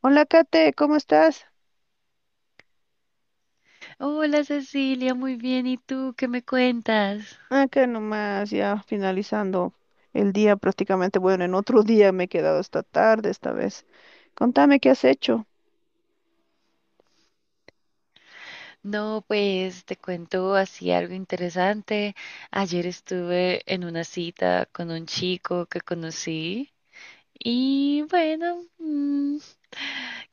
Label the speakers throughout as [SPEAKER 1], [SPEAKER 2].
[SPEAKER 1] Hola, Kate, ¿cómo estás?
[SPEAKER 2] Hola Cecilia, muy bien. ¿Y tú qué me cuentas?
[SPEAKER 1] Acá nomás, ya finalizando el día prácticamente. Bueno, en otro día me he quedado hasta tarde esta vez. Contame qué has hecho.
[SPEAKER 2] No, pues te cuento así algo interesante. Ayer estuve en una cita con un chico que conocí y bueno,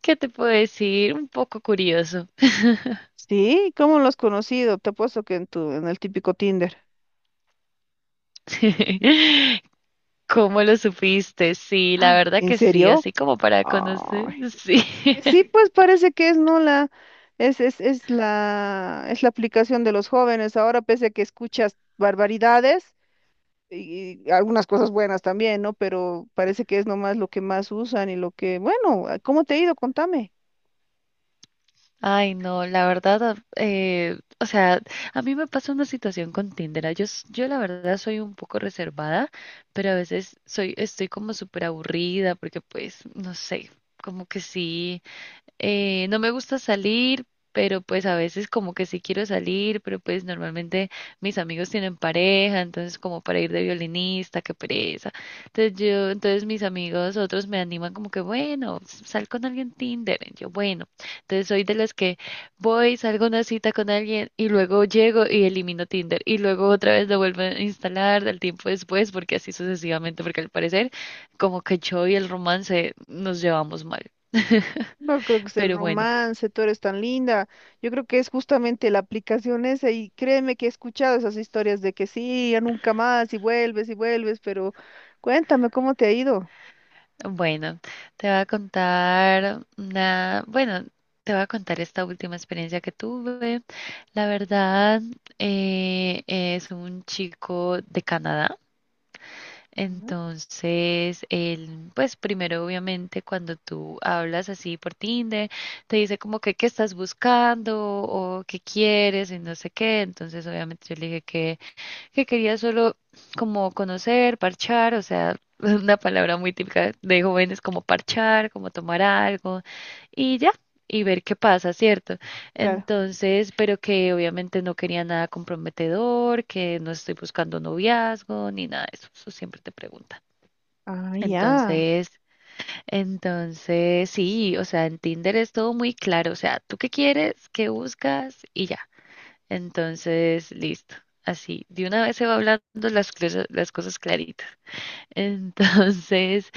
[SPEAKER 2] ¿qué te puedo decir? Un poco curioso.
[SPEAKER 1] Sí, ¿cómo lo has conocido? Te apuesto que en el típico Tinder.
[SPEAKER 2] ¿Cómo lo supiste? Sí, la
[SPEAKER 1] Ay,
[SPEAKER 2] verdad
[SPEAKER 1] ¿en
[SPEAKER 2] que sí,
[SPEAKER 1] serio?
[SPEAKER 2] así como para conocer,
[SPEAKER 1] Ay.
[SPEAKER 2] sí.
[SPEAKER 1] Sí, pues parece que es no la, es la aplicación de los jóvenes. Ahora, pese a que escuchas barbaridades, y algunas cosas buenas también, ¿no? Pero parece que es nomás lo que más usan y lo que, bueno, ¿cómo te ha ido? Contame.
[SPEAKER 2] Ay, no, la verdad, o sea, a mí me pasa una situación con Tinder. Yo, yo la verdad soy un poco reservada, pero a veces soy, estoy como súper aburrida porque pues, no sé, como que sí. No me gusta salir, pero pues a veces como que sí quiero salir, pero pues normalmente mis amigos tienen pareja, entonces como para ir de violinista, qué pereza. Entonces mis amigos, otros me animan como que, bueno, sal con alguien Tinder. Y yo, bueno, entonces soy de las que voy, salgo a una cita con alguien y luego llego y elimino Tinder y luego otra vez lo vuelvo a instalar del tiempo después, porque así sucesivamente, porque al parecer como que yo y el romance nos llevamos mal.
[SPEAKER 1] No creo que es el
[SPEAKER 2] Pero bueno,
[SPEAKER 1] romance, tú eres tan linda. Yo creo que es justamente la aplicación esa y créeme que he escuchado esas historias de que sí, ya nunca más y vuelves, pero cuéntame cómo te ha ido.
[SPEAKER 2] bueno, te voy a contar una, bueno, te voy a contar esta última experiencia que tuve. La verdad, es un chico de Canadá.
[SPEAKER 1] Ujú.
[SPEAKER 2] Entonces, él, pues primero, obviamente, cuando tú hablas así por Tinder, te dice como que qué estás buscando o qué quieres y no sé qué. Entonces, obviamente, yo le dije que quería solo como conocer, parchar, o sea, una palabra muy típica de jóvenes como parchar, como tomar algo y ya, y ver qué pasa, ¿cierto?
[SPEAKER 1] Claro.
[SPEAKER 2] Entonces, pero que obviamente no quería nada comprometedor, que no estoy buscando noviazgo ni nada de eso, eso siempre te preguntan.
[SPEAKER 1] Ah, ya,
[SPEAKER 2] Entonces, entonces sí, o sea, en Tinder es todo muy claro, o sea, ¿tú qué quieres? ¿Qué buscas? Y ya. Entonces, listo. Así, de una vez se va hablando las cosas claritas. Entonces,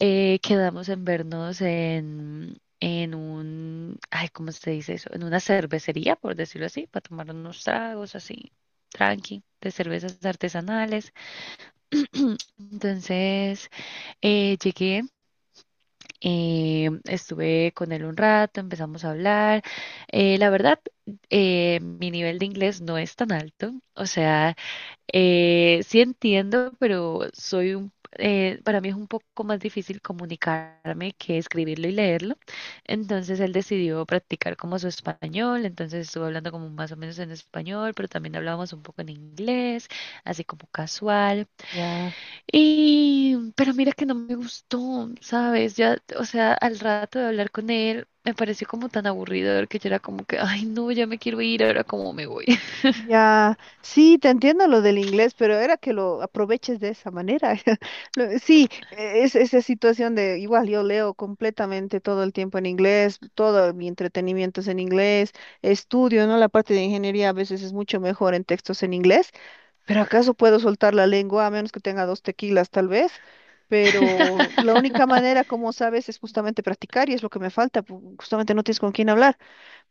[SPEAKER 2] quedamos en vernos en un, ay, ¿cómo se dice eso? En una cervecería, por decirlo así, para tomar unos tragos así, tranqui, de cervezas artesanales. Entonces, llegué, estuve con él un rato, empezamos a hablar. La verdad, mi nivel de inglés no es tan alto. O sea, sí entiendo, pero soy un, para mí es un poco más difícil comunicarme que escribirlo y leerlo. Entonces él decidió practicar como su español. Entonces estuve hablando como más o menos en español, pero también hablábamos un poco en inglés, así como casual.
[SPEAKER 1] ya.
[SPEAKER 2] Y, pero mira que no me gustó, ¿sabes? Ya, o sea, al rato de hablar con él, me pareció como tan aburridor que yo era como que, ay, no, ya me quiero ir, ahora cómo me voy.
[SPEAKER 1] Ya, sí, te entiendo lo del inglés, pero era que lo aproveches de esa manera. Sí, es esa situación de igual yo leo completamente todo el tiempo en inglés, todo mi entretenimiento es en inglés, estudio, ¿no? La parte de ingeniería a veces es mucho mejor en textos en inglés, pero ¿acaso puedo soltar la lengua a menos que tenga dos tequilas tal vez? Pero la única manera, como sabes, es justamente practicar y es lo que me falta, justamente no tienes con quién hablar.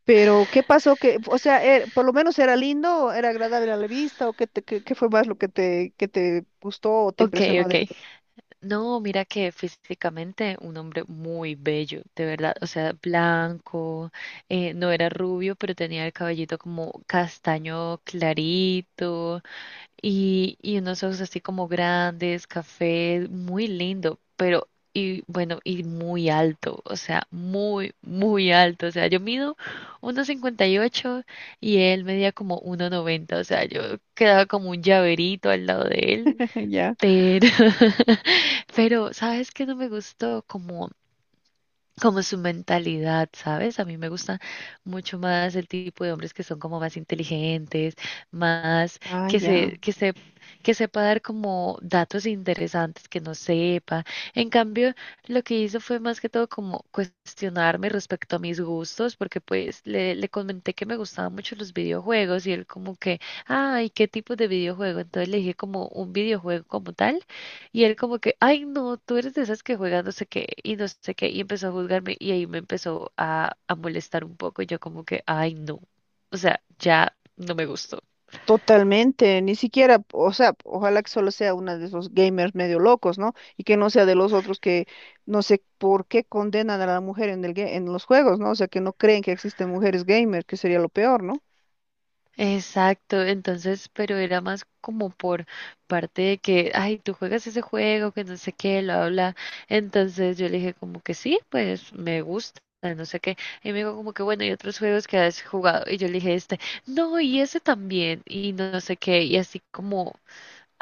[SPEAKER 1] Pero ¿qué pasó? Que, o sea, por lo menos era lindo, era agradable a la vista, o qué, te- qué, qué fue más lo que que te gustó o te
[SPEAKER 2] Ok,
[SPEAKER 1] impresionó de
[SPEAKER 2] ok.
[SPEAKER 1] él.
[SPEAKER 2] No, mira que físicamente un hombre muy bello, de verdad. O sea, blanco, no era rubio, pero tenía el cabellito como castaño clarito. Y unos ojos así como grandes, café, muy lindo, pero y bueno, y muy alto, o sea, muy, muy alto, o sea, yo mido 1,58 y él medía como 1,90, o sea, yo quedaba como un llaverito al lado de él,
[SPEAKER 1] Ya.
[SPEAKER 2] pero, pero, ¿sabes qué no me gustó? Como su mentalidad, ¿sabes? A mí me gusta mucho más el tipo de hombres que son como más inteligentes, más
[SPEAKER 1] Ah,
[SPEAKER 2] que
[SPEAKER 1] ya.
[SPEAKER 2] se, que se, que sepa dar como datos interesantes que no sepa. En cambio, lo que hizo fue más que todo como cuestionarme respecto a mis gustos, porque pues le comenté que me gustaban mucho los videojuegos y él como que, ay, ¿qué tipo de videojuego? Entonces le dije como un videojuego como tal y él como que, ay, no, tú eres de esas que juegan no sé qué y no sé qué, y empezó a juzgarme y ahí me empezó a molestar un poco. Yo como que, ay, no, o sea, ya no me gustó.
[SPEAKER 1] Totalmente, ni siquiera, o sea, ojalá que solo sea una de esos gamers medio locos, ¿no? Y que no sea de los otros que no sé por qué condenan a la mujer en en los juegos, ¿no? O sea, que no creen que existen mujeres gamers, que sería lo peor, ¿no?
[SPEAKER 2] Exacto, entonces, pero era más como por parte de que, ay, tú juegas ese juego, que no sé qué, lo habla. Entonces yo le dije como que sí, pues me gusta, no sé qué. Y me dijo como que, bueno, y otros juegos que has jugado. Y yo le dije este, no, y ese también, y no sé qué, y así como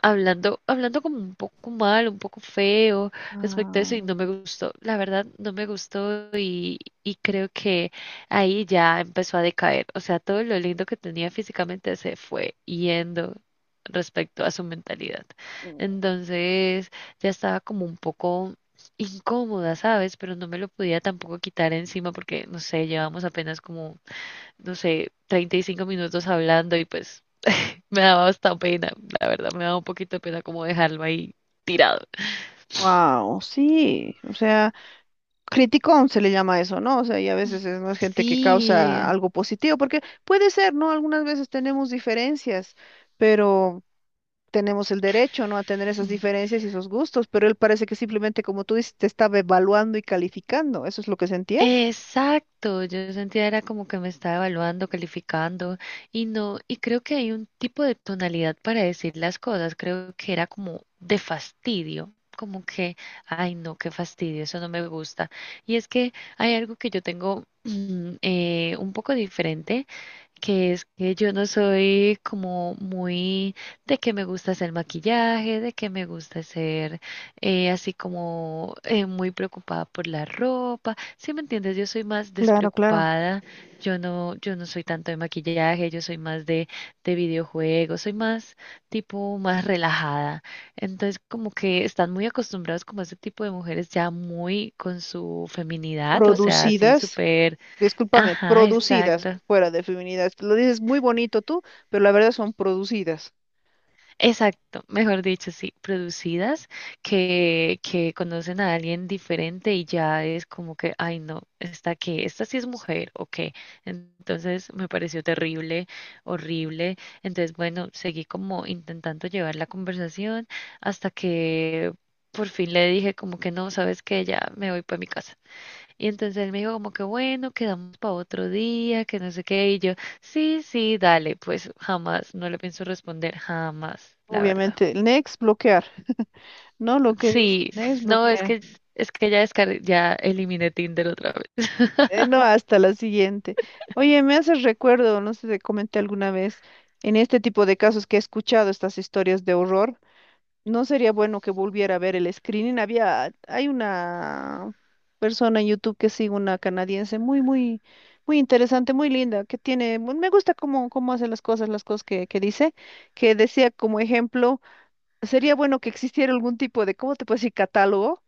[SPEAKER 2] hablando, hablando como un poco mal, un poco feo respecto a eso
[SPEAKER 1] Ah,
[SPEAKER 2] y no me gustó, la verdad no me gustó y creo que ahí ya empezó a decaer, o sea, todo lo lindo que tenía físicamente se fue yendo respecto a su mentalidad. Entonces ya estaba como un poco incómoda, ¿sabes? Pero no me lo podía tampoco quitar encima porque, no sé, llevamos apenas como, no sé, 35 minutos hablando y pues me daba hasta pena, la verdad, me daba un poquito de pena como dejarlo ahí tirado.
[SPEAKER 1] wow, sí, o sea. Criticón se le llama eso, ¿no? O sea, y a veces es más gente que causa
[SPEAKER 2] Sí,
[SPEAKER 1] algo positivo, porque puede ser, ¿no? Algunas veces tenemos diferencias, pero tenemos el derecho, ¿no? A tener esas diferencias y esos gustos, pero él parece que simplemente, como tú dices, te estaba evaluando y calificando. ¿Eso es lo que sentías?
[SPEAKER 2] exacto. Yo sentía era como que me estaba evaluando, calificando y no, y creo que hay un tipo de tonalidad para decir las cosas. Creo que era como de fastidio, como que, ay no, qué fastidio, eso no me gusta. Y es que hay algo que yo tengo un poco diferente que es que yo no soy como muy de que me gusta hacer maquillaje, de que me gusta ser así como muy preocupada por la ropa. ¿Sí me entiendes? Yo soy más
[SPEAKER 1] Claro, claro.
[SPEAKER 2] despreocupada. Yo no, yo no soy tanto de maquillaje, yo soy más de videojuegos, soy más tipo más relajada. Entonces, como que están muy acostumbrados como a ese tipo de mujeres ya muy con su feminidad, o sea, así
[SPEAKER 1] Producidas,
[SPEAKER 2] súper,
[SPEAKER 1] discúlpame,
[SPEAKER 2] ajá,
[SPEAKER 1] producidas
[SPEAKER 2] exacto.
[SPEAKER 1] fuera de feminidad. Lo dices muy bonito tú, pero la verdad son producidas.
[SPEAKER 2] Exacto, mejor dicho, sí, producidas que conocen a alguien diferente y ya es como que, ay no, esta que, esta sí es mujer o qué. Entonces me pareció terrible, horrible. Entonces, bueno, seguí como intentando llevar la conversación hasta que por fin le dije como que no, sabes que ya me voy para mi casa. Y entonces él me dijo como que bueno, quedamos para otro día, que no sé qué. Y yo, sí, sí, dale, pues jamás, no le pienso responder, jamás, la verdad.
[SPEAKER 1] Obviamente, el next, bloquear. No, lo que dice,
[SPEAKER 2] Sí,
[SPEAKER 1] next,
[SPEAKER 2] no,
[SPEAKER 1] bloquear.
[SPEAKER 2] es que ya descargué, ya eliminé Tinder otra vez.
[SPEAKER 1] No, hasta la siguiente. Oye, me haces recuerdo, no sé si te comenté alguna vez, en este tipo de casos que he escuchado estas historias de horror, no sería bueno que volviera a ver el screening. Hay una persona en YouTube que sigue, una canadiense muy interesante, muy linda, que tiene, me gusta cómo, cómo hace las cosas que dice, que decía como ejemplo, sería bueno que existiera algún tipo de, ¿cómo te puedo decir? Catálogo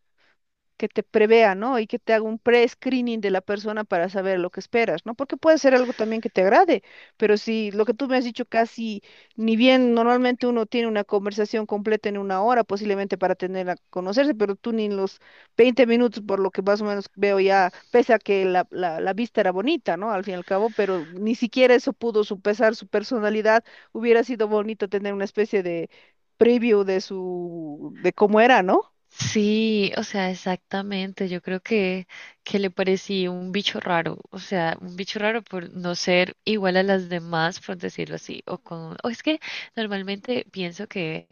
[SPEAKER 1] que te prevea, ¿no? Y que te haga un pre-screening de la persona para saber lo que esperas, ¿no? Porque puede ser algo también que te agrade, pero si lo que tú me has dicho casi, ni bien normalmente uno tiene una conversación completa en una hora, posiblemente para tener a conocerse, pero tú ni en los 20 minutos, por lo que más o menos veo ya, pese a que la vista era bonita, ¿no? Al fin y al cabo, pero ni siquiera eso pudo supesar su personalidad, hubiera sido bonito tener una especie de preview de de cómo era, ¿no?
[SPEAKER 2] Sí, o sea, exactamente. Yo creo que le parecí un bicho raro, o sea, un bicho raro por no ser igual a las demás, por decirlo así, o con, o es que normalmente pienso que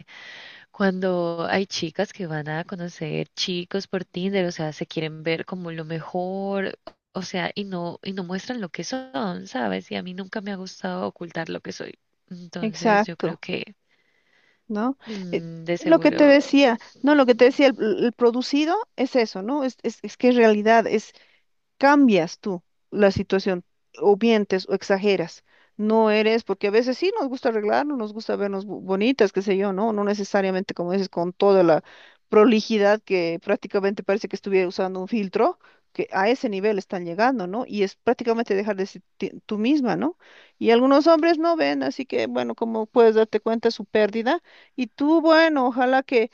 [SPEAKER 2] cuando hay chicas que van a conocer chicos por Tinder, o sea, se quieren ver como lo mejor, o sea, y no muestran lo que son, ¿sabes? Y a mí nunca me ha gustado ocultar lo que soy. Entonces, yo creo
[SPEAKER 1] Exacto.
[SPEAKER 2] que
[SPEAKER 1] ¿No? Eh,
[SPEAKER 2] mm, de
[SPEAKER 1] lo que te
[SPEAKER 2] seguro.
[SPEAKER 1] decía, no, lo que te decía, el producido es eso, ¿no? Es que es realidad, es, cambias tú la situación, o mientes o exageras. No eres, porque a veces sí nos gusta arreglarnos, nos gusta vernos bonitas, qué sé yo, ¿no? No necesariamente, como dices, con toda la prolijidad que prácticamente parece que estuviera usando un filtro, que a ese nivel están llegando, ¿no? Y es prácticamente dejar de ser tú misma, ¿no? Y algunos hombres no ven, así que, bueno, como puedes darte cuenta, su pérdida. Y tú, bueno, ojalá que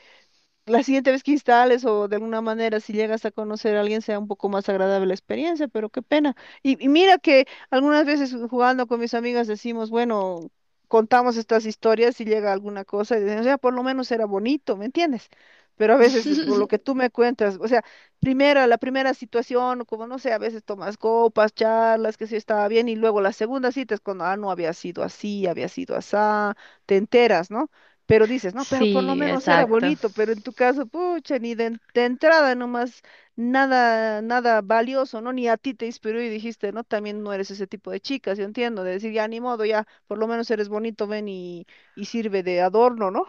[SPEAKER 1] la siguiente vez que instales o de alguna manera si llegas a conocer a alguien sea un poco más agradable la experiencia, pero qué pena. Y mira que algunas veces jugando con mis amigas decimos, bueno, contamos estas historias y llega alguna cosa y decimos, ya por lo menos era bonito, ¿me entiendes? Pero a veces con lo que tú me cuentas, o sea, primera, la primera situación, como no sé, a veces tomas copas, charlas, que sí estaba bien, y luego la segunda cita es cuando, ah, no había sido así, había sido asá, te enteras, ¿no? Pero dices, no, pero por lo
[SPEAKER 2] Sí,
[SPEAKER 1] menos era
[SPEAKER 2] exacto.
[SPEAKER 1] bonito, pero en tu caso, pucha, ni de, en- de entrada nomás, nada, nada valioso, ¿no? Ni a ti te inspiró y dijiste, no, también no eres ese tipo de chica, yo entiendo, de decir, ya ni modo, ya, por lo menos eres bonito, ven y sirve de adorno, ¿no?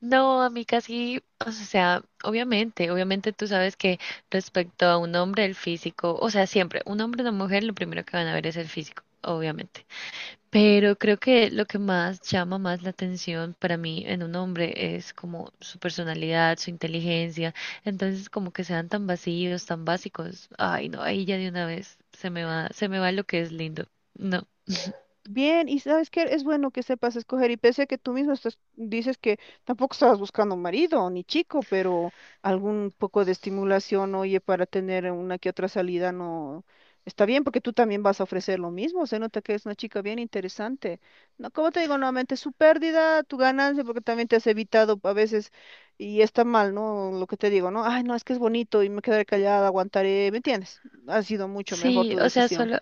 [SPEAKER 2] No, a mí casi, o sea, obviamente, obviamente tú sabes que respecto a un hombre, el físico, o sea, siempre, un hombre o una mujer, lo primero que van a ver es el físico, obviamente. Pero creo que lo que más llama más la atención para mí en un hombre es como su personalidad, su inteligencia. Entonces, como que sean tan vacíos, tan básicos. Ay, no, ahí ya de una vez se me va lo que es lindo. No.
[SPEAKER 1] Bien, y sabes que es bueno que sepas escoger, y pese a que tú mismo estás, dices que tampoco estabas buscando marido ni chico, pero algún poco de estimulación, oye, para tener una que otra salida no está bien, porque tú también vas a ofrecer lo mismo, se nota que es una chica bien interesante. No, como te digo nuevamente, su pérdida, tu ganancia, porque también te has evitado a veces, y está mal, ¿no? Lo que te digo, ¿no? Ay, no, es que es bonito y me quedaré callada, aguantaré, ¿me entiendes? Ha sido mucho mejor
[SPEAKER 2] Sí,
[SPEAKER 1] tu
[SPEAKER 2] o sea,
[SPEAKER 1] decisión.
[SPEAKER 2] solo,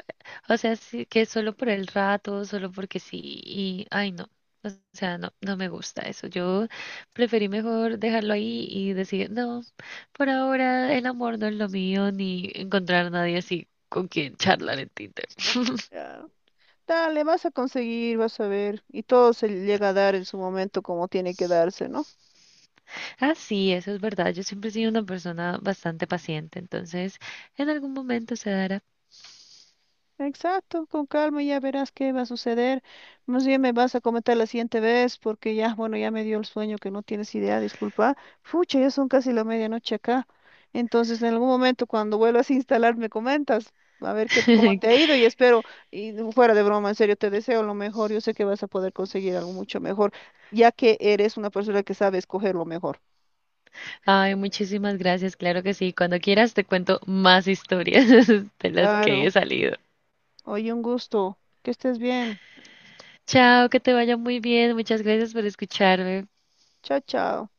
[SPEAKER 2] o sea, sí, que solo por el rato, solo porque sí, y ay no, o sea, no, no me gusta eso. Yo preferí mejor dejarlo ahí y decir, no, por ahora el amor no es lo mío, ni encontrar a nadie así con quien charlar en Tinder.
[SPEAKER 1] Ah. Dale, vas a conseguir, vas a ver. Y todo se llega a dar en su momento como tiene que darse, ¿no?
[SPEAKER 2] Ah, sí, eso es verdad. Yo siempre he sido una persona bastante paciente, entonces en algún momento se dará.
[SPEAKER 1] Exacto, con calma ya verás qué va a suceder. Más bien me vas a comentar la siguiente vez porque ya, bueno, ya me dio el sueño que no tienes idea, disculpa. Fucha, ya son casi la medianoche acá. Entonces, en algún momento cuando vuelvas a instalar me comentas. A ver qué, cómo te ha ido y espero, y no, fuera de broma, en serio, te deseo lo mejor. Yo sé que vas a poder conseguir algo mucho mejor, ya que eres una persona que sabe escoger lo mejor.
[SPEAKER 2] Ay, muchísimas gracias, claro que sí. Cuando quieras te cuento más historias de las que he
[SPEAKER 1] Claro.
[SPEAKER 2] salido.
[SPEAKER 1] Oye, un gusto. Que estés bien.
[SPEAKER 2] Chao, que te vaya muy bien. Muchas gracias por escucharme.
[SPEAKER 1] Chao, chao.